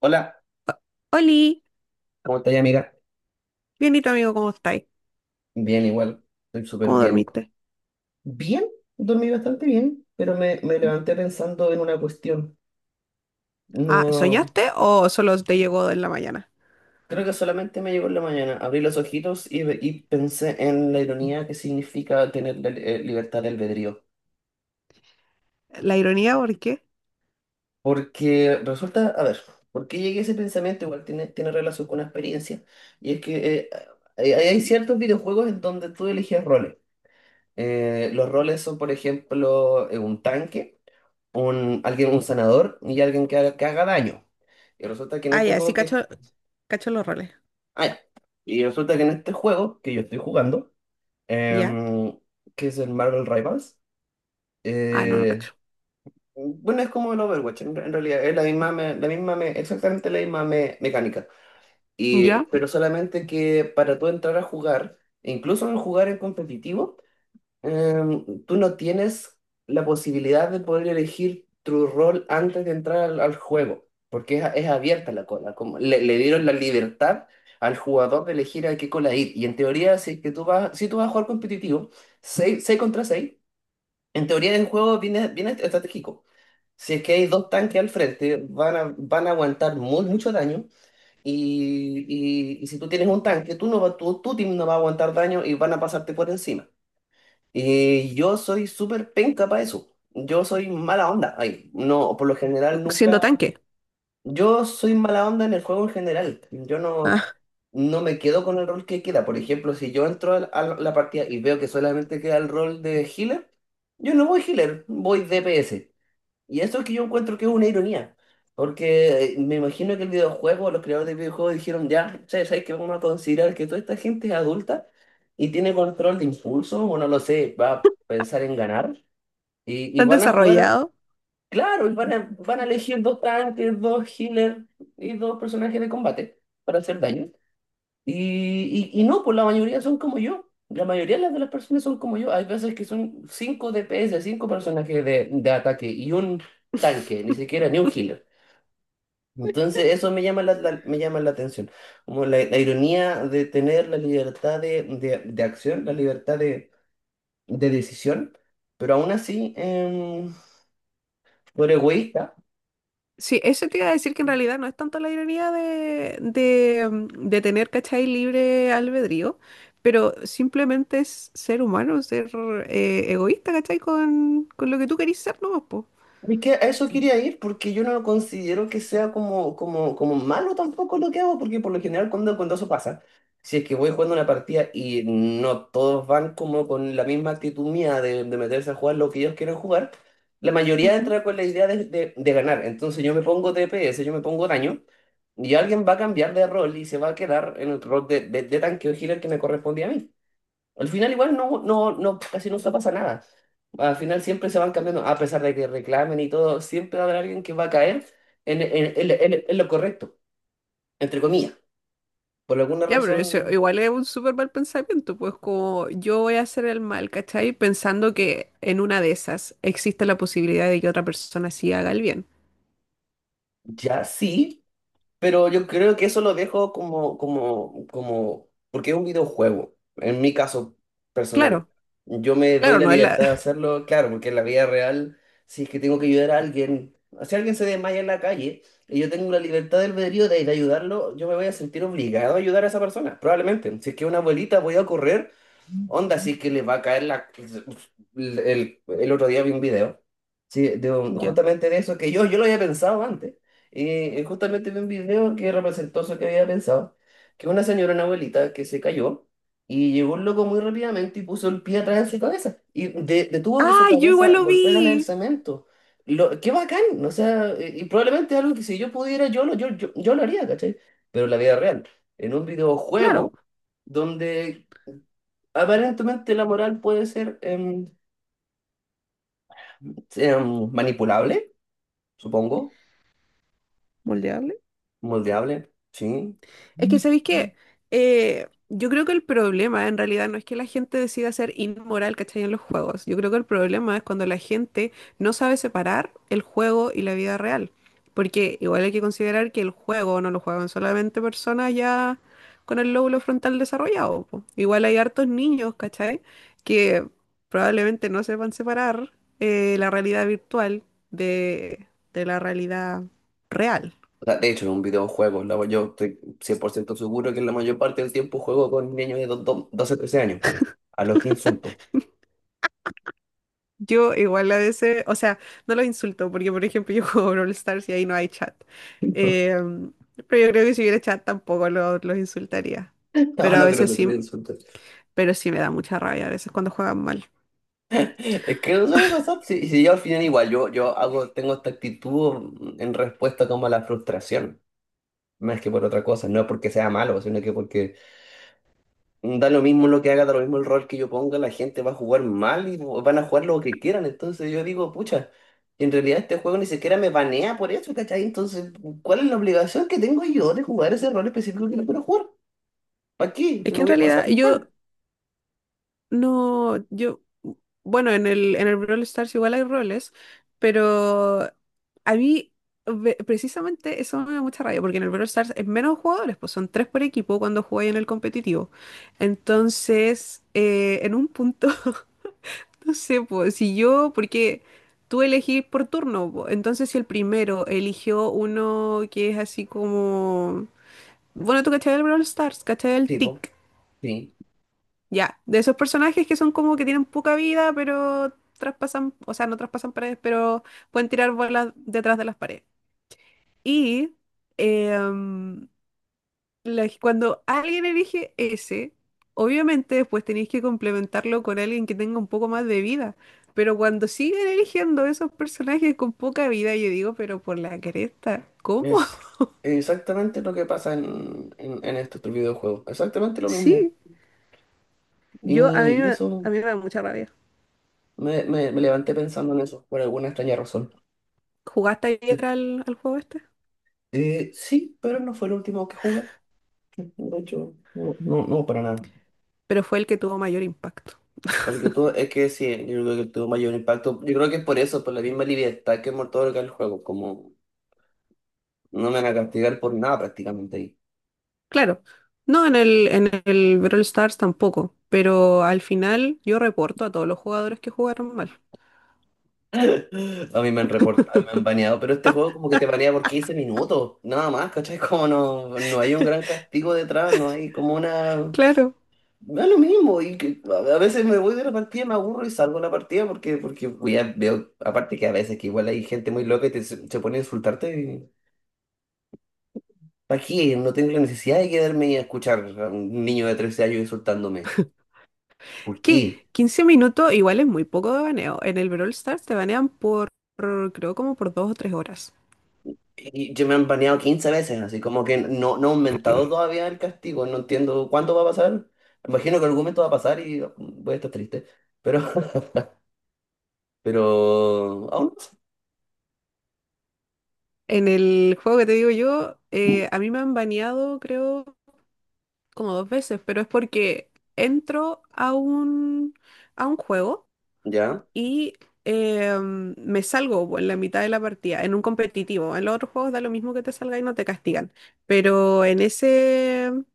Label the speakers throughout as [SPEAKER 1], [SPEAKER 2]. [SPEAKER 1] Hola,
[SPEAKER 2] Oli,
[SPEAKER 1] ¿cómo estás, amiga?
[SPEAKER 2] bienito amigo, ¿cómo estáis?
[SPEAKER 1] Bien, igual, estoy súper
[SPEAKER 2] ¿Cómo
[SPEAKER 1] bien.
[SPEAKER 2] dormiste?
[SPEAKER 1] Bien, dormí bastante bien, pero me levanté pensando en una cuestión.
[SPEAKER 2] Ah,
[SPEAKER 1] No,
[SPEAKER 2] ¿soñaste o solo te llegó en la mañana?
[SPEAKER 1] creo que solamente me llegó en la mañana. Abrí los ojitos y, pensé en la ironía que significa tener la libertad de albedrío.
[SPEAKER 2] La ironía, ¿por qué?
[SPEAKER 1] Porque resulta, a ver, ¿por qué llegué a ese pensamiento? Igual tiene relación con una experiencia. Y es que hay ciertos videojuegos en donde tú eliges roles. Los roles son, por ejemplo, un tanque. Alguien, un sanador y alguien que haga daño. Y resulta que en
[SPEAKER 2] Ah,
[SPEAKER 1] este
[SPEAKER 2] ya, sí
[SPEAKER 1] juego que...
[SPEAKER 2] cacho los roles.
[SPEAKER 1] ah, y resulta que en este juego que yo estoy jugando,
[SPEAKER 2] ¿Ya?
[SPEAKER 1] em, que es el Marvel Rivals,
[SPEAKER 2] Ah, no lo
[SPEAKER 1] eh,
[SPEAKER 2] cacho.
[SPEAKER 1] bueno, es como el Overwatch, en realidad es exactamente la misma mecánica. Y,
[SPEAKER 2] ¿Ya?
[SPEAKER 1] pero solamente que para tú entrar a jugar, e incluso en jugar en competitivo, tú no tienes la posibilidad de poder elegir tu rol antes de entrar al juego, porque es abierta la cola. Como le dieron la libertad al jugador de elegir a qué cola ir. Y en teoría, si es que tú vas, si tú vas a jugar competitivo, 6 contra seis, en teoría el juego viene estratégico. Si es que hay dos tanques al frente, van a aguantar mucho daño. Y, y si tú tienes un tanque, tú no va, tu team no va a aguantar daño y van a pasarte por encima. Yo soy súper penca para eso. Yo soy mala onda. Ay, no, por lo general
[SPEAKER 2] Siendo
[SPEAKER 1] nunca.
[SPEAKER 2] tanque.
[SPEAKER 1] Yo soy mala onda en el juego en general. Yo no,
[SPEAKER 2] Ah,
[SPEAKER 1] no me quedo con el rol que queda. Por ejemplo, si yo entro a la partida y veo que solamente queda el rol de healer, yo no voy healer, voy DPS. Y eso es que yo encuentro que es una ironía, porque me imagino que el videojuego, los creadores de videojuegos dijeron, ya, che, ¿sabes que Vamos a considerar que toda esta gente es adulta y tiene control de impulso, o no lo sé, va a pensar en ganar, y
[SPEAKER 2] tan
[SPEAKER 1] van a jugar,
[SPEAKER 2] desarrollado.
[SPEAKER 1] claro, van a elegir dos tanques, dos healers y dos personajes de combate para hacer daño. Y no, pues la mayoría son como yo. La mayoría de las personas son como yo. Hay veces que son cinco DPS, cinco personajes de ataque y un tanque, ni siquiera ni un healer. Entonces eso me llama me llama la atención. Como la ironía de tener la libertad de acción, la libertad de decisión, pero aún así, por egoísta.
[SPEAKER 2] Sí, eso te iba a decir que en realidad no es tanto la ironía de tener, ¿cachai? Libre albedrío, pero simplemente es ser humano, ser egoísta, ¿cachai? Con lo que tú querís ser, ¿no? Po.
[SPEAKER 1] Es que a eso quería ir porque yo no considero que sea como malo tampoco lo que hago, porque por lo general cuando eso pasa, si es que voy jugando una partida y no todos van como con la misma actitud mía de meterse a jugar lo que ellos quieren jugar, la mayoría
[SPEAKER 2] Ujú.
[SPEAKER 1] entra con la idea de ganar. Entonces yo me pongo DPS, yo me pongo daño y alguien va a cambiar de rol y se va a quedar en el rol de tanque o healer que me correspondía a mí. Al final igual no, casi nunca pasa nada. Al final siempre se van cambiando, a pesar de que reclamen y todo, siempre va a haber alguien que va a caer en lo correcto, entre comillas. Por alguna
[SPEAKER 2] Ya, pero eso
[SPEAKER 1] razón,
[SPEAKER 2] igual es un súper mal pensamiento, pues como yo voy a hacer el mal, ¿cachai? Pensando que en una de esas existe la posibilidad de que otra persona sí haga el bien.
[SPEAKER 1] ya, sí. Pero yo creo que eso lo dejo porque es un videojuego, en mi caso personal.
[SPEAKER 2] Claro,
[SPEAKER 1] Yo me doy
[SPEAKER 2] claro,
[SPEAKER 1] la
[SPEAKER 2] no es la.
[SPEAKER 1] libertad de hacerlo, claro, porque en la vida real, si es que tengo que ayudar a alguien, si alguien se desmaya en la calle y yo tengo la libertad del albedrío de ayudarlo, yo me voy a sentir obligado a ayudar a esa persona, probablemente. Si es que es una abuelita, voy a correr. Onda, sí que le va a caer la... El otro día vi un video, sí,
[SPEAKER 2] Ya.
[SPEAKER 1] justamente de eso, que yo lo había pensado antes. Y justamente vi un video que representó eso que había pensado, que una señora, una abuelita, que se cayó y llegó un loco muy rápidamente y puso el pie atrás de su cabeza y detuvo que su
[SPEAKER 2] ¡Ah, yo igual
[SPEAKER 1] cabeza
[SPEAKER 2] lo
[SPEAKER 1] golpeara en el
[SPEAKER 2] vi!
[SPEAKER 1] cemento. Lo, qué bacán, o sea, y probablemente algo que si yo pudiera, yo lo haría, ¿cachai? Pero en la vida real, en un
[SPEAKER 2] Claro,
[SPEAKER 1] videojuego donde aparentemente la moral puede ser manipulable, supongo,
[SPEAKER 2] moldeable.
[SPEAKER 1] moldeable, sí.
[SPEAKER 2] Es que sabéis que yo creo que el problema en realidad no es que la gente decida ser inmoral, ¿cachai? En los juegos. Yo creo que el problema es cuando la gente no sabe separar el juego y la vida real. Porque igual hay que considerar que el juego no lo juegan solamente personas ya con el lóbulo frontal desarrollado. Po. Igual hay hartos niños, ¿cachai? Que probablemente no sepan separar la realidad virtual de, de la realidad real.
[SPEAKER 1] O sea, de hecho, en un videojuego, yo estoy 100% seguro que la mayor parte del tiempo juego con niños de 12, 13 años, a los que insulto.
[SPEAKER 2] Yo igual a veces, o sea, no los insulto, porque por ejemplo yo juego Brawl Stars y ahí no hay chat. Em, pero yo creo que si hubiera chat tampoco los insultaría.
[SPEAKER 1] No,
[SPEAKER 2] Pero a
[SPEAKER 1] no creo
[SPEAKER 2] veces
[SPEAKER 1] que
[SPEAKER 2] sí,
[SPEAKER 1] te insultes.
[SPEAKER 2] pero sí me da mucha rabia a veces cuando juegan mal.
[SPEAKER 1] Es que no suele pasar. Si yo al final igual, yo hago, tengo esta actitud en respuesta como a la frustración, más que por otra cosa, no porque sea malo, sino que porque da lo mismo lo que haga, da lo mismo el rol que yo ponga, la gente va a jugar mal y van a jugar lo que quieran. Entonces yo digo, pucha, en realidad este juego ni siquiera me banea por eso, ¿cachai? Entonces, ¿cuál es la obligación que tengo yo de jugar ese rol específico que no quiero jugar? ¿Para qué?
[SPEAKER 2] Es
[SPEAKER 1] Yo
[SPEAKER 2] que
[SPEAKER 1] lo
[SPEAKER 2] en
[SPEAKER 1] voy a pasar
[SPEAKER 2] realidad yo.
[SPEAKER 1] mal.
[SPEAKER 2] No, yo, bueno, en el Brawl Stars igual hay roles, pero a mí precisamente eso me da mucha rabia, porque en el Brawl Stars es menos jugadores, pues son tres por equipo cuando jugáis en el competitivo. Entonces, en un punto, no sé, pues si yo, porque tú elegís por turno, po, entonces si el primero eligió uno que es así como, bueno, tú cachai el Brawl Stars, cachai el
[SPEAKER 1] Tipo,
[SPEAKER 2] TIC.
[SPEAKER 1] sí,
[SPEAKER 2] Ya, de esos personajes que son como que tienen poca vida, pero traspasan, o sea, no traspasan paredes, pero pueden tirar bolas detrás de las paredes. Y em, cuando alguien elige ese, obviamente después tenéis que complementarlo con alguien que tenga un poco más de vida. Pero cuando siguen eligiendo esos personajes con poca vida, yo digo, pero por la cresta, ¿cómo?
[SPEAKER 1] es exactamente lo que pasa en estos tres videojuegos. Exactamente lo mismo.
[SPEAKER 2] Sí, yo
[SPEAKER 1] Y,
[SPEAKER 2] a
[SPEAKER 1] eso,
[SPEAKER 2] mí me da mucha rabia.
[SPEAKER 1] me levanté pensando en eso, por alguna extraña razón.
[SPEAKER 2] ¿Jugaste ayer al juego este?
[SPEAKER 1] Sí, pero no fue el último que jugué. De hecho, no, para nada.
[SPEAKER 2] Pero fue el que tuvo mayor impacto.
[SPEAKER 1] Porque tú, es que sí, yo creo que tuvo mayor impacto. Yo creo que es por eso, por la misma libertad que Mortal Kombat el juego, como no me van a castigar por nada prácticamente ahí.
[SPEAKER 2] Claro, no en el, en el Brawl Stars tampoco, pero al final yo reporto a todos los jugadores que jugaron mal.
[SPEAKER 1] A mí me han reportado, me han baneado, pero este juego como que te banea por 15 minutos, nada más, ¿cachai? Como no, no hay un gran castigo detrás, no hay como una...
[SPEAKER 2] Claro,
[SPEAKER 1] Da lo mismo, y que a veces me voy de la partida, me aburro y salgo de la partida porque, porque voy veo, aparte que a veces que igual hay gente muy loca y te, se pone a insultarte. ¿Para qué? No tengo la necesidad de quedarme y escuchar a un niño de 13 años insultándome.
[SPEAKER 2] es
[SPEAKER 1] ¿Por
[SPEAKER 2] que
[SPEAKER 1] qué?
[SPEAKER 2] 15 minutos igual es muy poco de baneo. En el Brawl Stars te banean por, creo, como por 2 o 3 horas.
[SPEAKER 1] Y yo me han baneado 15 veces, así como que no, no ha aumentado todavía el castigo. No entiendo cuándo va a pasar. Imagino que en algún momento va a pasar y voy a estar triste. Pero, pero aún
[SPEAKER 2] En el juego que te digo yo,
[SPEAKER 1] no sé.
[SPEAKER 2] a mí me han baneado, creo, como dos veces, pero es porque entro a un juego
[SPEAKER 1] ¿Ya?
[SPEAKER 2] y me salgo pues, en la mitad de la partida, en un competitivo. En los otros juegos da lo mismo que te salga y no te castigan, pero en ese, em,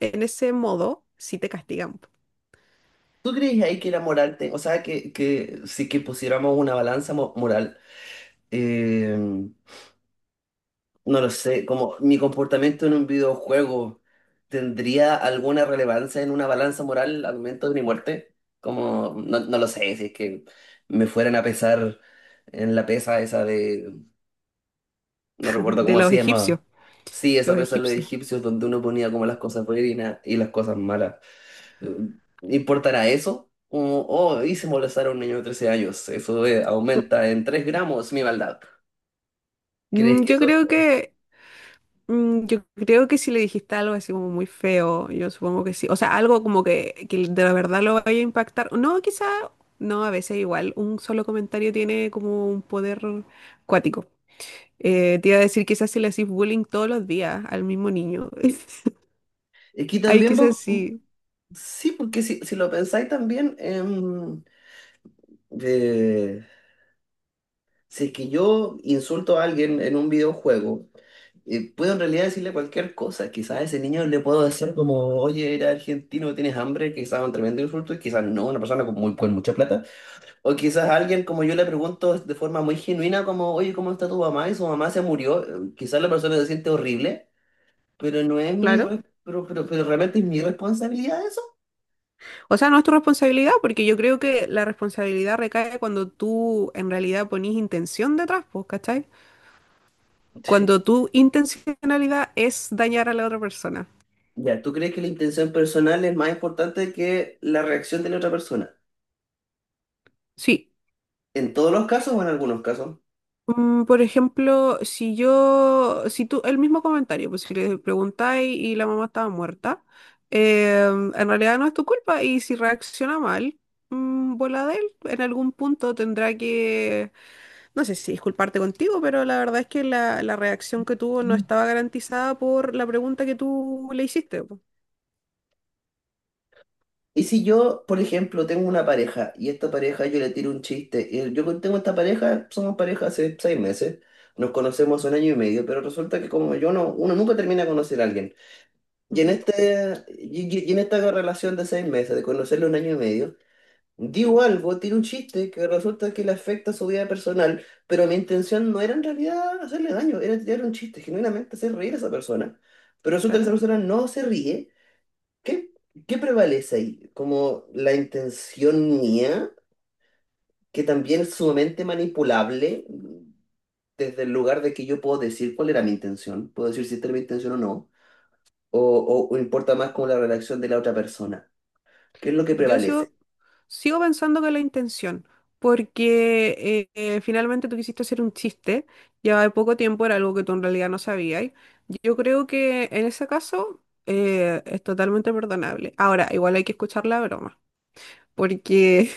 [SPEAKER 2] en ese modo sí te castigan. Po.
[SPEAKER 1] ¿Tú crees ahí que la moral, o sea, que si que pusiéramos una balanza moral, eh, no lo sé, como mi comportamiento en un videojuego tendría alguna relevancia en una balanza moral al momento de mi muerte, como no, no lo sé, si es que me fueran a pesar en la pesa esa de, no recuerdo
[SPEAKER 2] De
[SPEAKER 1] cómo
[SPEAKER 2] los
[SPEAKER 1] se
[SPEAKER 2] egipcios,
[SPEAKER 1] llamaba? Sí, esa
[SPEAKER 2] los
[SPEAKER 1] pesa de los
[SPEAKER 2] egipcios.
[SPEAKER 1] egipcios donde uno ponía como las cosas buenas y las cosas malas. Eh, ¿Importará eso? Como, oh, hice molestar a un niño de 13 años, eso aumenta en 3 gramos mi maldad. ¿Crees
[SPEAKER 2] Mm,
[SPEAKER 1] que
[SPEAKER 2] Yo
[SPEAKER 1] eso?
[SPEAKER 2] creo que Yo creo que si le dijiste algo así como muy feo, yo supongo que sí. O sea, algo como que de la verdad lo vaya a impactar. No, quizá, no, a veces igual un solo comentario tiene como un poder cuático. Te iba a decir quizás si le haces bullying todos los días al mismo niño.
[SPEAKER 1] Es que
[SPEAKER 2] Ahí
[SPEAKER 1] también
[SPEAKER 2] quizás
[SPEAKER 1] va.
[SPEAKER 2] sí,
[SPEAKER 1] Sí, porque si lo pensáis también, de- si es que yo insulto a alguien en un videojuego, puedo en realidad decirle cualquier cosa. Quizás a ese niño le puedo decir como, oye, eres argentino, tienes hambre, quizás un tremendo insulto, y quizás no, una persona con, muy, con mucha plata. O quizás a alguien como yo le pregunto de forma muy genuina como, oye, ¿cómo está tu mamá? Y su mamá se murió. Quizás la persona se siente horrible, pero no es mi...
[SPEAKER 2] claro.
[SPEAKER 1] Pero, pero realmente es mi responsabilidad eso.
[SPEAKER 2] O sea, no es tu responsabilidad, porque yo creo que la responsabilidad recae cuando tú en realidad ponís intención detrás, pues, ¿cachai? Cuando tu intencionalidad es dañar a la otra persona.
[SPEAKER 1] Ya, ¿tú crees que la intención personal es más importante que la reacción de la otra persona?
[SPEAKER 2] Sí,
[SPEAKER 1] ¿En todos los casos o en algunos casos?
[SPEAKER 2] Por ejemplo, si tú, el mismo comentario, pues si le preguntáis y la mamá estaba muerta, eh, en realidad no es tu culpa y si reacciona mal, bola de él, en algún punto tendrá que, no sé si disculparte contigo, pero la verdad es que la reacción que tuvo no estaba garantizada por la pregunta que tú le hiciste. Po.
[SPEAKER 1] Y si yo, por ejemplo, tengo una pareja y esta pareja yo le tiro un chiste, y yo tengo esta pareja, somos pareja hace seis meses, nos conocemos hace un año y medio, pero resulta que como yo no, uno nunca termina de conocer a alguien. Y en
[SPEAKER 2] Ujú,
[SPEAKER 1] este, y en esta relación de seis meses, de conocerlo un año y medio, digo algo, tiene un chiste que resulta que le afecta a su vida personal, pero mi intención no era en realidad hacerle daño, era tirar un chiste, genuinamente hacer reír a esa persona. Pero resulta que esa
[SPEAKER 2] claro.
[SPEAKER 1] persona no se ríe. ¿Qué, qué prevalece ahí? ¿Como la intención mía, que también es sumamente manipulable desde el lugar de que yo puedo decir cuál era mi intención? Puedo decir si esta era mi intención o no, o importa más como la reacción de la otra persona. ¿Qué es lo que
[SPEAKER 2] Yo sigo,
[SPEAKER 1] prevalece?
[SPEAKER 2] sigo pensando que la intención, porque finalmente tú quisiste hacer un chiste, llevaba poco tiempo, era algo que tú en realidad no sabías. Yo creo que en ese caso es totalmente perdonable. Ahora, igual hay que escuchar la broma, porque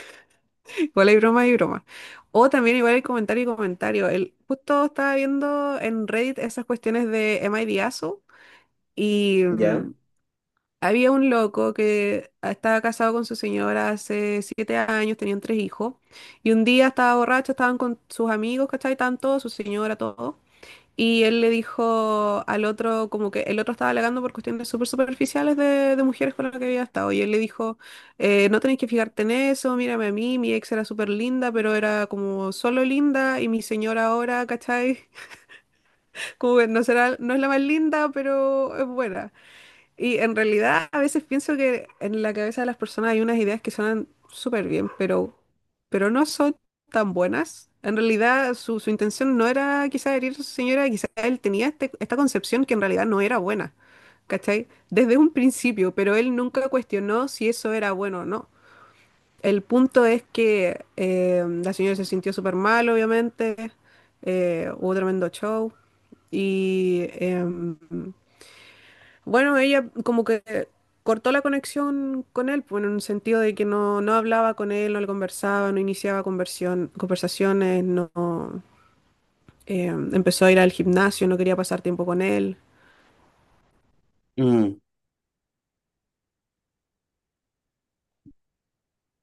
[SPEAKER 2] igual hay broma y broma. O también igual hay comentario y comentario. Justo estaba viendo en Reddit esas cuestiones de Am I the asshole? Y,
[SPEAKER 1] ¿Ya?
[SPEAKER 2] mm, había un loco que estaba casado con su señora hace 7 años, tenían tres hijos, y un día estaba borracho, estaban con sus amigos, ¿cachai? Estaban todos, su señora, todo. Y él le dijo al otro, como que el otro estaba alegando por cuestiones súper superficiales de mujeres con las que había estado. Y él le dijo, no tenés que fijarte en eso, mírame a mí, mi ex era súper linda, pero era como solo linda, y mi señora ahora, ¿cachai? Como que no será, no es la más linda, pero es buena. Y en realidad a veces pienso que en la cabeza de las personas hay unas ideas que suenan súper bien, pero no son tan buenas. En realidad su intención no era quizá herir a su señora, quizá él tenía esta concepción que en realidad no era buena, ¿cachai? Desde un principio, pero él nunca cuestionó si eso era bueno o no. El punto es que la señora se sintió súper mal, obviamente, hubo tremendo show y, bueno, ella como que cortó la conexión con él, pues, en un sentido de que no hablaba con él, no le conversaba, no iniciaba conversaciones, no empezó a ir al gimnasio, no quería pasar tiempo con él.
[SPEAKER 1] Mm,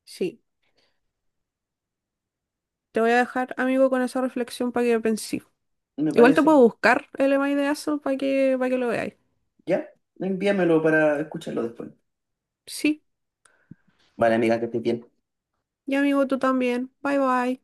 [SPEAKER 2] Sí, te voy a dejar, amigo, con esa reflexión para que penses.
[SPEAKER 1] me
[SPEAKER 2] Igual te
[SPEAKER 1] parece.
[SPEAKER 2] puedo buscar el email de eso para que lo veáis.
[SPEAKER 1] Ya, envíamelo para escucharlo después.
[SPEAKER 2] Sí,
[SPEAKER 1] Vale, amiga, que estés bien.
[SPEAKER 2] y amigo, tú también. Bye bye.